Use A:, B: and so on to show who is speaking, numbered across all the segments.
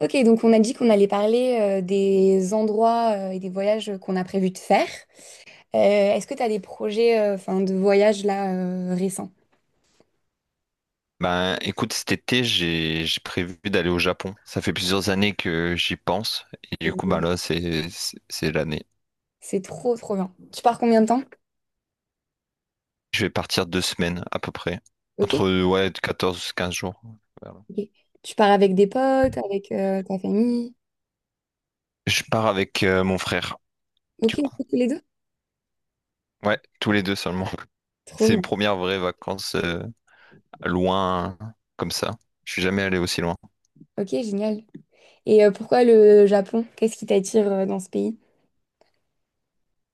A: Ok, donc on a dit qu'on allait parler des endroits et des voyages qu'on a prévu de faire. Euh, est-ce que tu as des projets enfin, de voyage là récents?
B: Ben, écoute, cet été, j'ai prévu d'aller au Japon. Ça fait plusieurs années que j'y pense, et du coup, ben là, c'est l'année.
A: C'est trop, trop bien. Tu pars combien de temps?
B: Je vais partir 2 semaines à peu près,
A: Ok.
B: entre ouais 14 15 jours. Voilà.
A: Ok. Tu pars avec des potes, avec ta famille?
B: Je pars avec mon frère, du
A: Ok,
B: coup.
A: tous les deux?
B: Ouais, tous les deux seulement.
A: Trop
B: C'est mes
A: bien.
B: premières vraies vacances loin comme ça. Je suis jamais allé aussi loin.
A: Ok, génial. Et pourquoi le Japon? Qu'est-ce qui t'attire dans ce pays?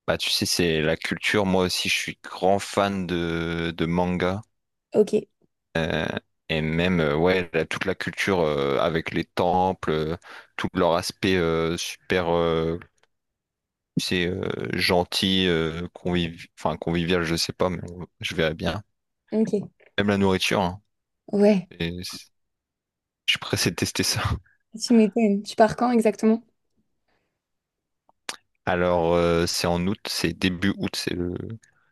B: Bah, tu sais, c'est la culture. Moi aussi, je suis grand fan de manga.
A: Ok,
B: Et même, ouais, toute la culture avec les temples, tout leur aspect super, tu sais, gentil, enfin, convivial, je sais pas, mais je verrais bien.
A: ok.
B: Même la nourriture, hein.
A: Ouais,
B: Et c'est- je suis pressé de tester ça.
A: tu m'étonnes. Tu pars quand exactement?
B: Alors, c'est en août, c'est début août, c'est le...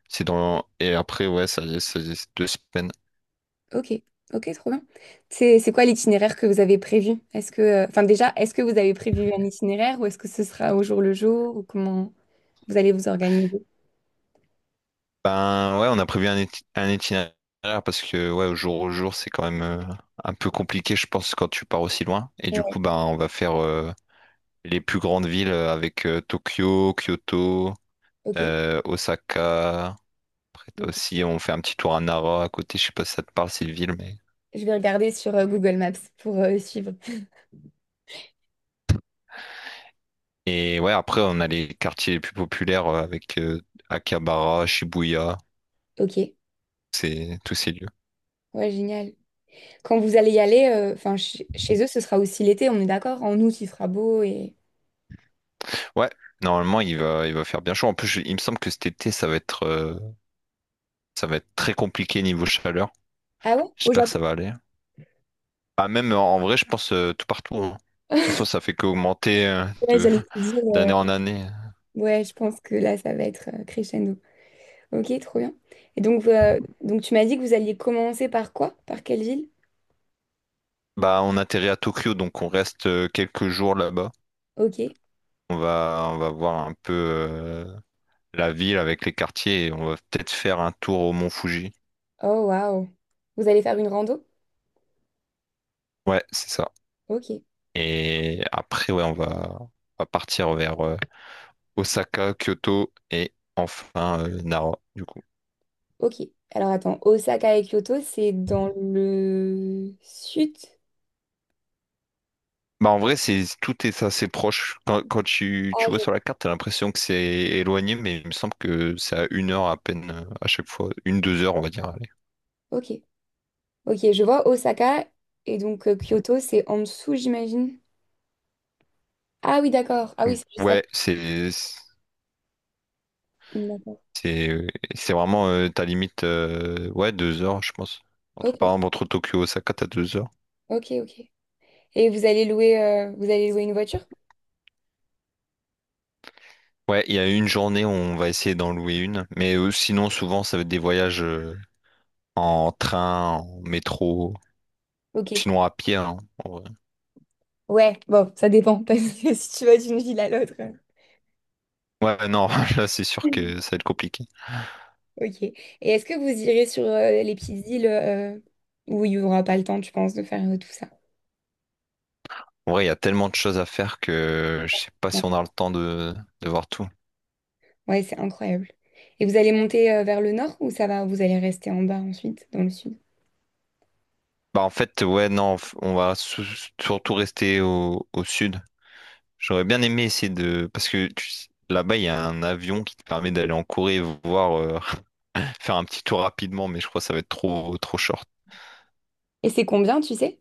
B: c'est dans... Et après, ouais, ça c'est 2 semaines.
A: Ok, ok, trop bien. C'est quoi l'itinéraire que vous avez prévu? Est-ce que, enfin déjà, est-ce que vous avez prévu un itinéraire ou est-ce que ce sera au jour le jour ou comment vous allez vous organiser?
B: Ben, ouais, on a prévu un itinéraire parce que, ouais, au jour, c'est quand même un peu compliqué, je pense, quand tu pars aussi loin. Et du
A: Ouais,
B: coup, ben, on va faire les plus grandes villes avec Tokyo, Kyoto,
A: ok.
B: Osaka. Après t'as
A: Ok.
B: aussi, on fait un petit tour à Nara à côté. Je sais pas si ça te parle, cette ville, mais.
A: Je vais regarder sur Google Maps pour suivre.
B: Et ouais, après, on a les quartiers les plus populaires avec Akihabara, Shibuya,
A: Ok,
B: c'est tous ces lieux.
A: ouais, génial. Quand vous allez y aller, enfin chez eux, ce sera aussi l'été, on est d'accord? En août, il fera beau et...
B: Ouais, normalement, il va faire bien chaud. En plus, il me semble que cet été, ça va être très compliqué niveau chaleur.
A: Ah ouais? Au
B: J'espère que ça
A: Japon,
B: va aller. Ah, même en en vrai, je pense tout partout. Hein. De toute façon, ça fait qu'augmenter
A: ouais,
B: de
A: j'allais te dire.
B: d'année en année.
A: Ouais, je pense que là, ça va être crescendo. Ok, trop bien. Et donc tu m'as dit que vous alliez commencer par quoi? Par quelle ville?
B: Bah, on atterrit à Tokyo, donc on reste quelques jours là-bas.
A: Ok.
B: On va voir un peu la ville avec les quartiers et on va peut-être faire un tour au mont Fuji.
A: Oh, waouh. Vous allez faire une rando?
B: Ouais, c'est ça.
A: Ok.
B: Et après, ouais, on va partir vers Osaka, Kyoto et enfin Nara, du coup.
A: Ok. Alors attends, Osaka et Kyoto, c'est dans le sud?
B: Bah, en vrai, c'est, tout est assez proche. Quand tu,
A: Ah,
B: tu vois
A: je-
B: sur la carte, t'as l'impression que c'est éloigné, mais il me semble que c'est à 1 heure à peine à chaque fois. Une, deux heures, on va dire. Allez.
A: Ok. Ok, je vois Osaka et donc Kyoto, c'est en dessous, j'imagine. Ah oui, d'accord. Ah oui, c'est juste à
B: Ouais,
A: côté. D'accord.
B: C'est c'est vraiment ta limite, ouais, 2 heures, je pense. Entre,
A: Ok.
B: par exemple, entre Tokyo et Osaka, t'as 2 heures.
A: Ok, ok. Et vous allez louer une voiture?
B: Ouais, il y a une journée où on va essayer d'en louer une. Mais sinon, souvent, ça va être des voyages en train, en métro,
A: Ok.
B: sinon à pied, hein, en vrai.
A: Ouais, bon, ça dépend, parce que si tu vas d'une ville à l'autre.
B: Ouais, non, là, c'est sûr que ça va être compliqué.
A: Ok. Et est-ce que vous irez sur les petites îles où il n'y aura pas le temps, tu penses, de faire tout ça?
B: En vrai, il y a tellement de choses à faire que je sais pas
A: Ouais,
B: si on a le temps de voir tout.
A: ouais, c'est incroyable. Et vous allez monter vers le nord ou ça va, vous allez rester en bas ensuite, dans le sud?
B: Bah, en fait, ouais, non, on va surtout rester au sud. J'aurais bien aimé essayer de... Parce que tu sais, là-bas, il y a un avion qui te permet d'aller en Corée, voir, faire un petit tour rapidement, mais je crois que ça va être trop, trop short.
A: Et c'est combien, tu sais,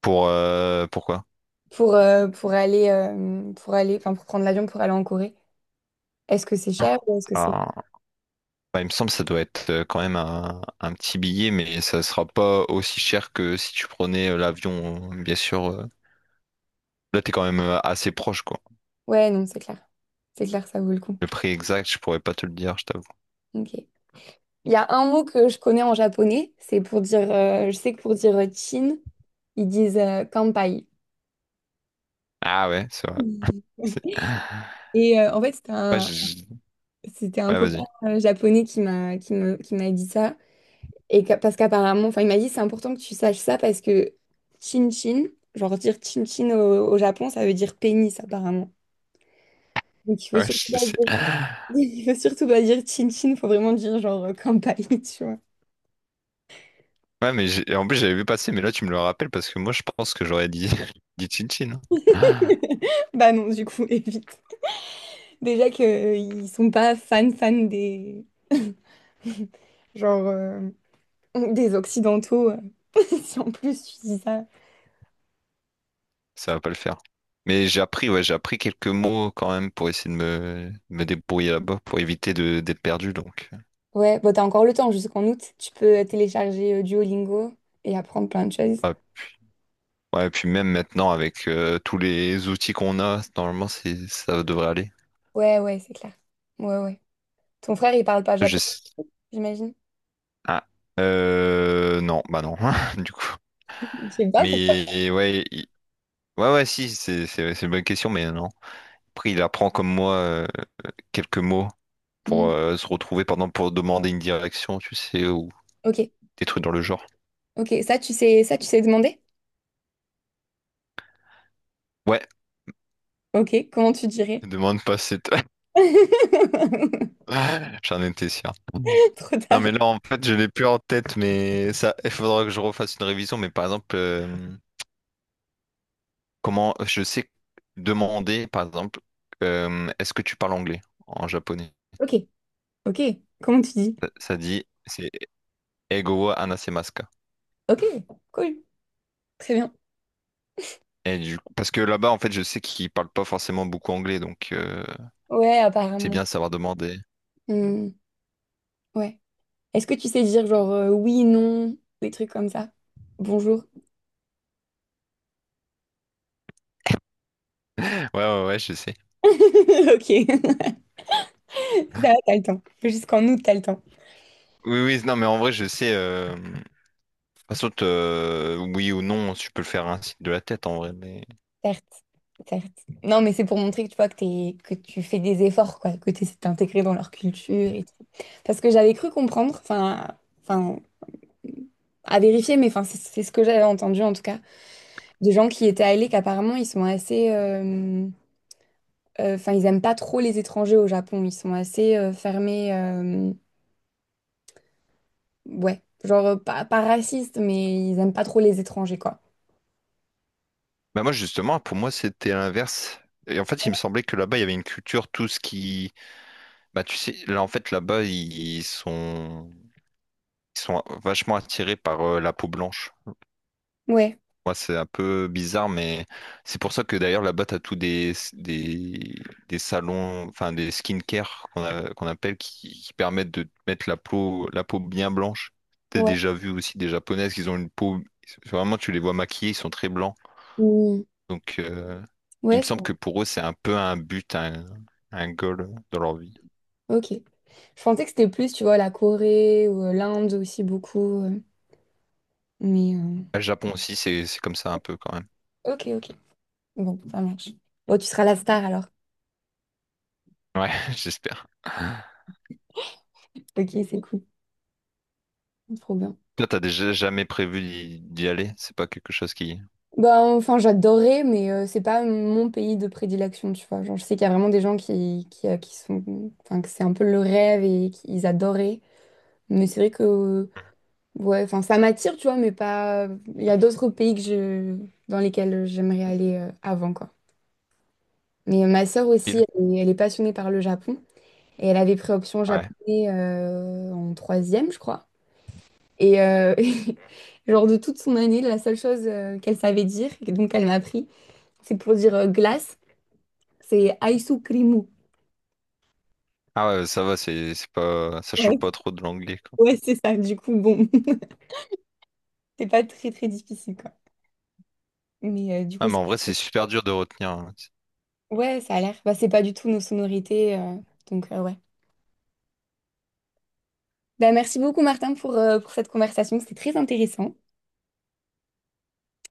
B: Pour, pourquoi?
A: pour aller, enfin, pour prendre l'avion pour aller en Corée? Est-ce que c'est cher ou est-ce que c'est...
B: Alors, bah, il me semble que ça doit être quand même un petit billet, mais ça sera pas aussi cher que si tu prenais l'avion, bien sûr. Là, t'es quand même assez proche, quoi.
A: Ouais, non, c'est clair. C'est clair, ça vaut le coup.
B: Le prix exact, je pourrais pas te le dire, je t'avoue.
A: Ok. Il y a un mot que je connais en japonais, c'est pour dire, je sais que pour dire Chine, ils disent Kanpai.
B: Ah ouais, c'est vrai.
A: Oui.
B: C'est-
A: Et en fait,
B: Ouais,
A: c'était un
B: ouais,
A: copain
B: vas-y.
A: japonais qui m'a dit ça. Parce qu'apparemment, enfin, il m'a dit, c'est important que tu saches ça parce que chin-chin, genre dire chin-chin au Japon, ça veut dire pénis apparemment. Donc il faut
B: Ouais,
A: surtout
B: je
A: pas
B: sais.
A: dire, il faut surtout pas dire chin-chin, faut vraiment dire genre kanpai, tu vois.
B: Ouais, mais en plus, j'avais vu passer, mais là, tu me le rappelles parce que moi, je pense que j'aurais dit, dit Chin Chin. Ah,
A: Bah non, du coup, évite. Déjà que ils sont pas fans fans des genre des Occidentaux. Si en plus tu dis ça.
B: ça va pas le faire. Mais j'ai appris, ouais, j'ai appris quelques mots quand même pour essayer de me débrouiller là-bas, pour éviter de d'être perdu, donc.
A: Ouais, bah t'as encore le temps jusqu'en août. Tu peux télécharger Duolingo et apprendre plein de choses.
B: Ouais, ouais, et puis même maintenant, avec tous les outils qu'on a, normalement, ça devrait aller.
A: Ouais, ouais, c'est clair. Ouais, ouais. Ton frère, il parle pas
B: Je...
A: japonais,
B: sais-
A: j'imagine.
B: Ah, non, bah non, du coup.
A: Je sais pas pourquoi.
B: Mais ouais, ouais, ouais, si, c'est une bonne question, mais non. Après, il apprend comme moi quelques mots. Pour
A: Mhm.
B: se retrouver par exemple pour demander une direction, tu sais, ou
A: Ok,
B: des trucs dans le genre.
A: ok. Ça, tu sais demander?
B: Ouais,
A: Ok, comment tu dirais?
B: demande pas cette. J'en étais sûr.
A: Trop
B: Non,
A: tard.
B: mais là, en fait, je l'ai plus en tête, mais ça, il faudra que je refasse une révision. Mais par exemple, comment je sais demander, par exemple, est-ce que tu parles anglais en japonais?
A: Ok, ok. Comment tu dis?
B: Ça dit, c'est Ego wa hanasemasu ka.
A: Ok, cool. Très bien.
B: Et du coup- parce que là-bas, en fait, je sais qu'ils parlent pas forcément beaucoup anglais, donc
A: Ouais,
B: c'est
A: apparemment.
B: bien de savoir demander.
A: Hmm, ouais. Est-ce que tu sais dire genre oui, non, des trucs comme ça? Bonjour.
B: Ouais, ouais, ouais, je sais.
A: Ok. Ça va, t'as le temps. Jusqu'en août, t'as le temps.
B: Oui, oui, non, mais en vrai, je sais. Par contre, oui ou non, tu peux le faire ainsi de la tête, en vrai. Mais...
A: Certes, certes. Non, mais c'est pour montrer que tu vois que, que tu fais des efforts, quoi, que tu essaies de t'intégrer dans leur culture et tout. Parce que j'avais cru comprendre, enfin, enfin, à vérifier, mais enfin, c'est ce que j'avais entendu en tout cas, des gens qui étaient allés, qu'apparemment ils sont assez, enfin, ils aiment pas trop les étrangers au Japon, ils sont assez fermés, ouais, genre pas, pas racistes, mais ils aiment pas trop les étrangers, quoi.
B: Bah moi, justement, pour moi, c'était l'inverse. Et en fait, il me semblait que là-bas, il y avait une culture, tout ce qui... Bah, tu sais, là, en fait, là-bas, ils sont vachement attirés par la peau blanche.
A: Ouais,
B: Moi, c'est un peu bizarre, mais c'est pour ça que d'ailleurs là-bas, t'as tous des salons, enfin des skincare qu'on appelle qui permettent de te mettre la peau bien blanche. T'as
A: ouais,
B: déjà vu aussi des japonaises qui ont une peau, vraiment, tu les vois maquillées, ils sont très blancs.
A: Mm.
B: Donc, il
A: Ouais,
B: me
A: c'est-
B: semble que pour eux, c'est un peu un but, un goal dans leur vie.
A: Ok. Je pensais que c'était plus, tu vois, la Corée ou l'Inde aussi beaucoup. Mais
B: Le Japon aussi, c'est comme ça un peu quand même.
A: ok, ok. Bon, ça marche. Bon, tu seras la star alors.
B: Ouais, j'espère.
A: Ok, c'est cool. Trop bien.
B: Toi, t'as déjà jamais prévu d'y aller? C'est pas quelque chose qui.
A: Bah, enfin, j'adorais, mais c'est pas mon pays de prédilection, tu vois. Genre, je sais qu'il y a vraiment des gens qui sont. Enfin, que c'est un peu le rêve et qu'ils adoraient. Mais c'est vrai que. Ouais, enfin, ça m'attire, tu vois, mais pas. Il y a d'autres pays que je... dans lesquels j'aimerais aller avant, quoi. Mais ma sœur aussi,
B: qui-
A: elle est passionnée par le Japon. Et elle avait pris option
B: Ouais.
A: japonais en troisième, je crois. Et genre de toute son année, la seule chose qu'elle savait dire, et donc elle m'a appris, c'est pour dire glace, c'est aisukrimu.
B: Ah ouais, ça va, c'est pas ça change
A: Ouais,
B: pas trop de l'anglais quoi.
A: ouais, c'est ça. Du coup, bon, c'est pas très très difficile quoi. Mais du coup,
B: Ah mais
A: c'est-
B: en vrai, c'est super dur de retenir. Hein.
A: ouais, ça a l'air. Bah, c'est pas du tout nos sonorités, donc ouais. Bah, merci beaucoup Martin pour cette conversation, c'était très intéressant.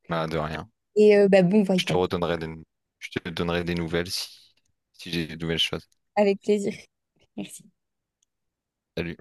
B: Bah de rien.
A: Et bah, bon
B: Je te
A: voyage,
B: redonnerai des je te donnerai des nouvelles si j'ai des nouvelles choses.
A: avec plaisir. Merci.
B: Salut.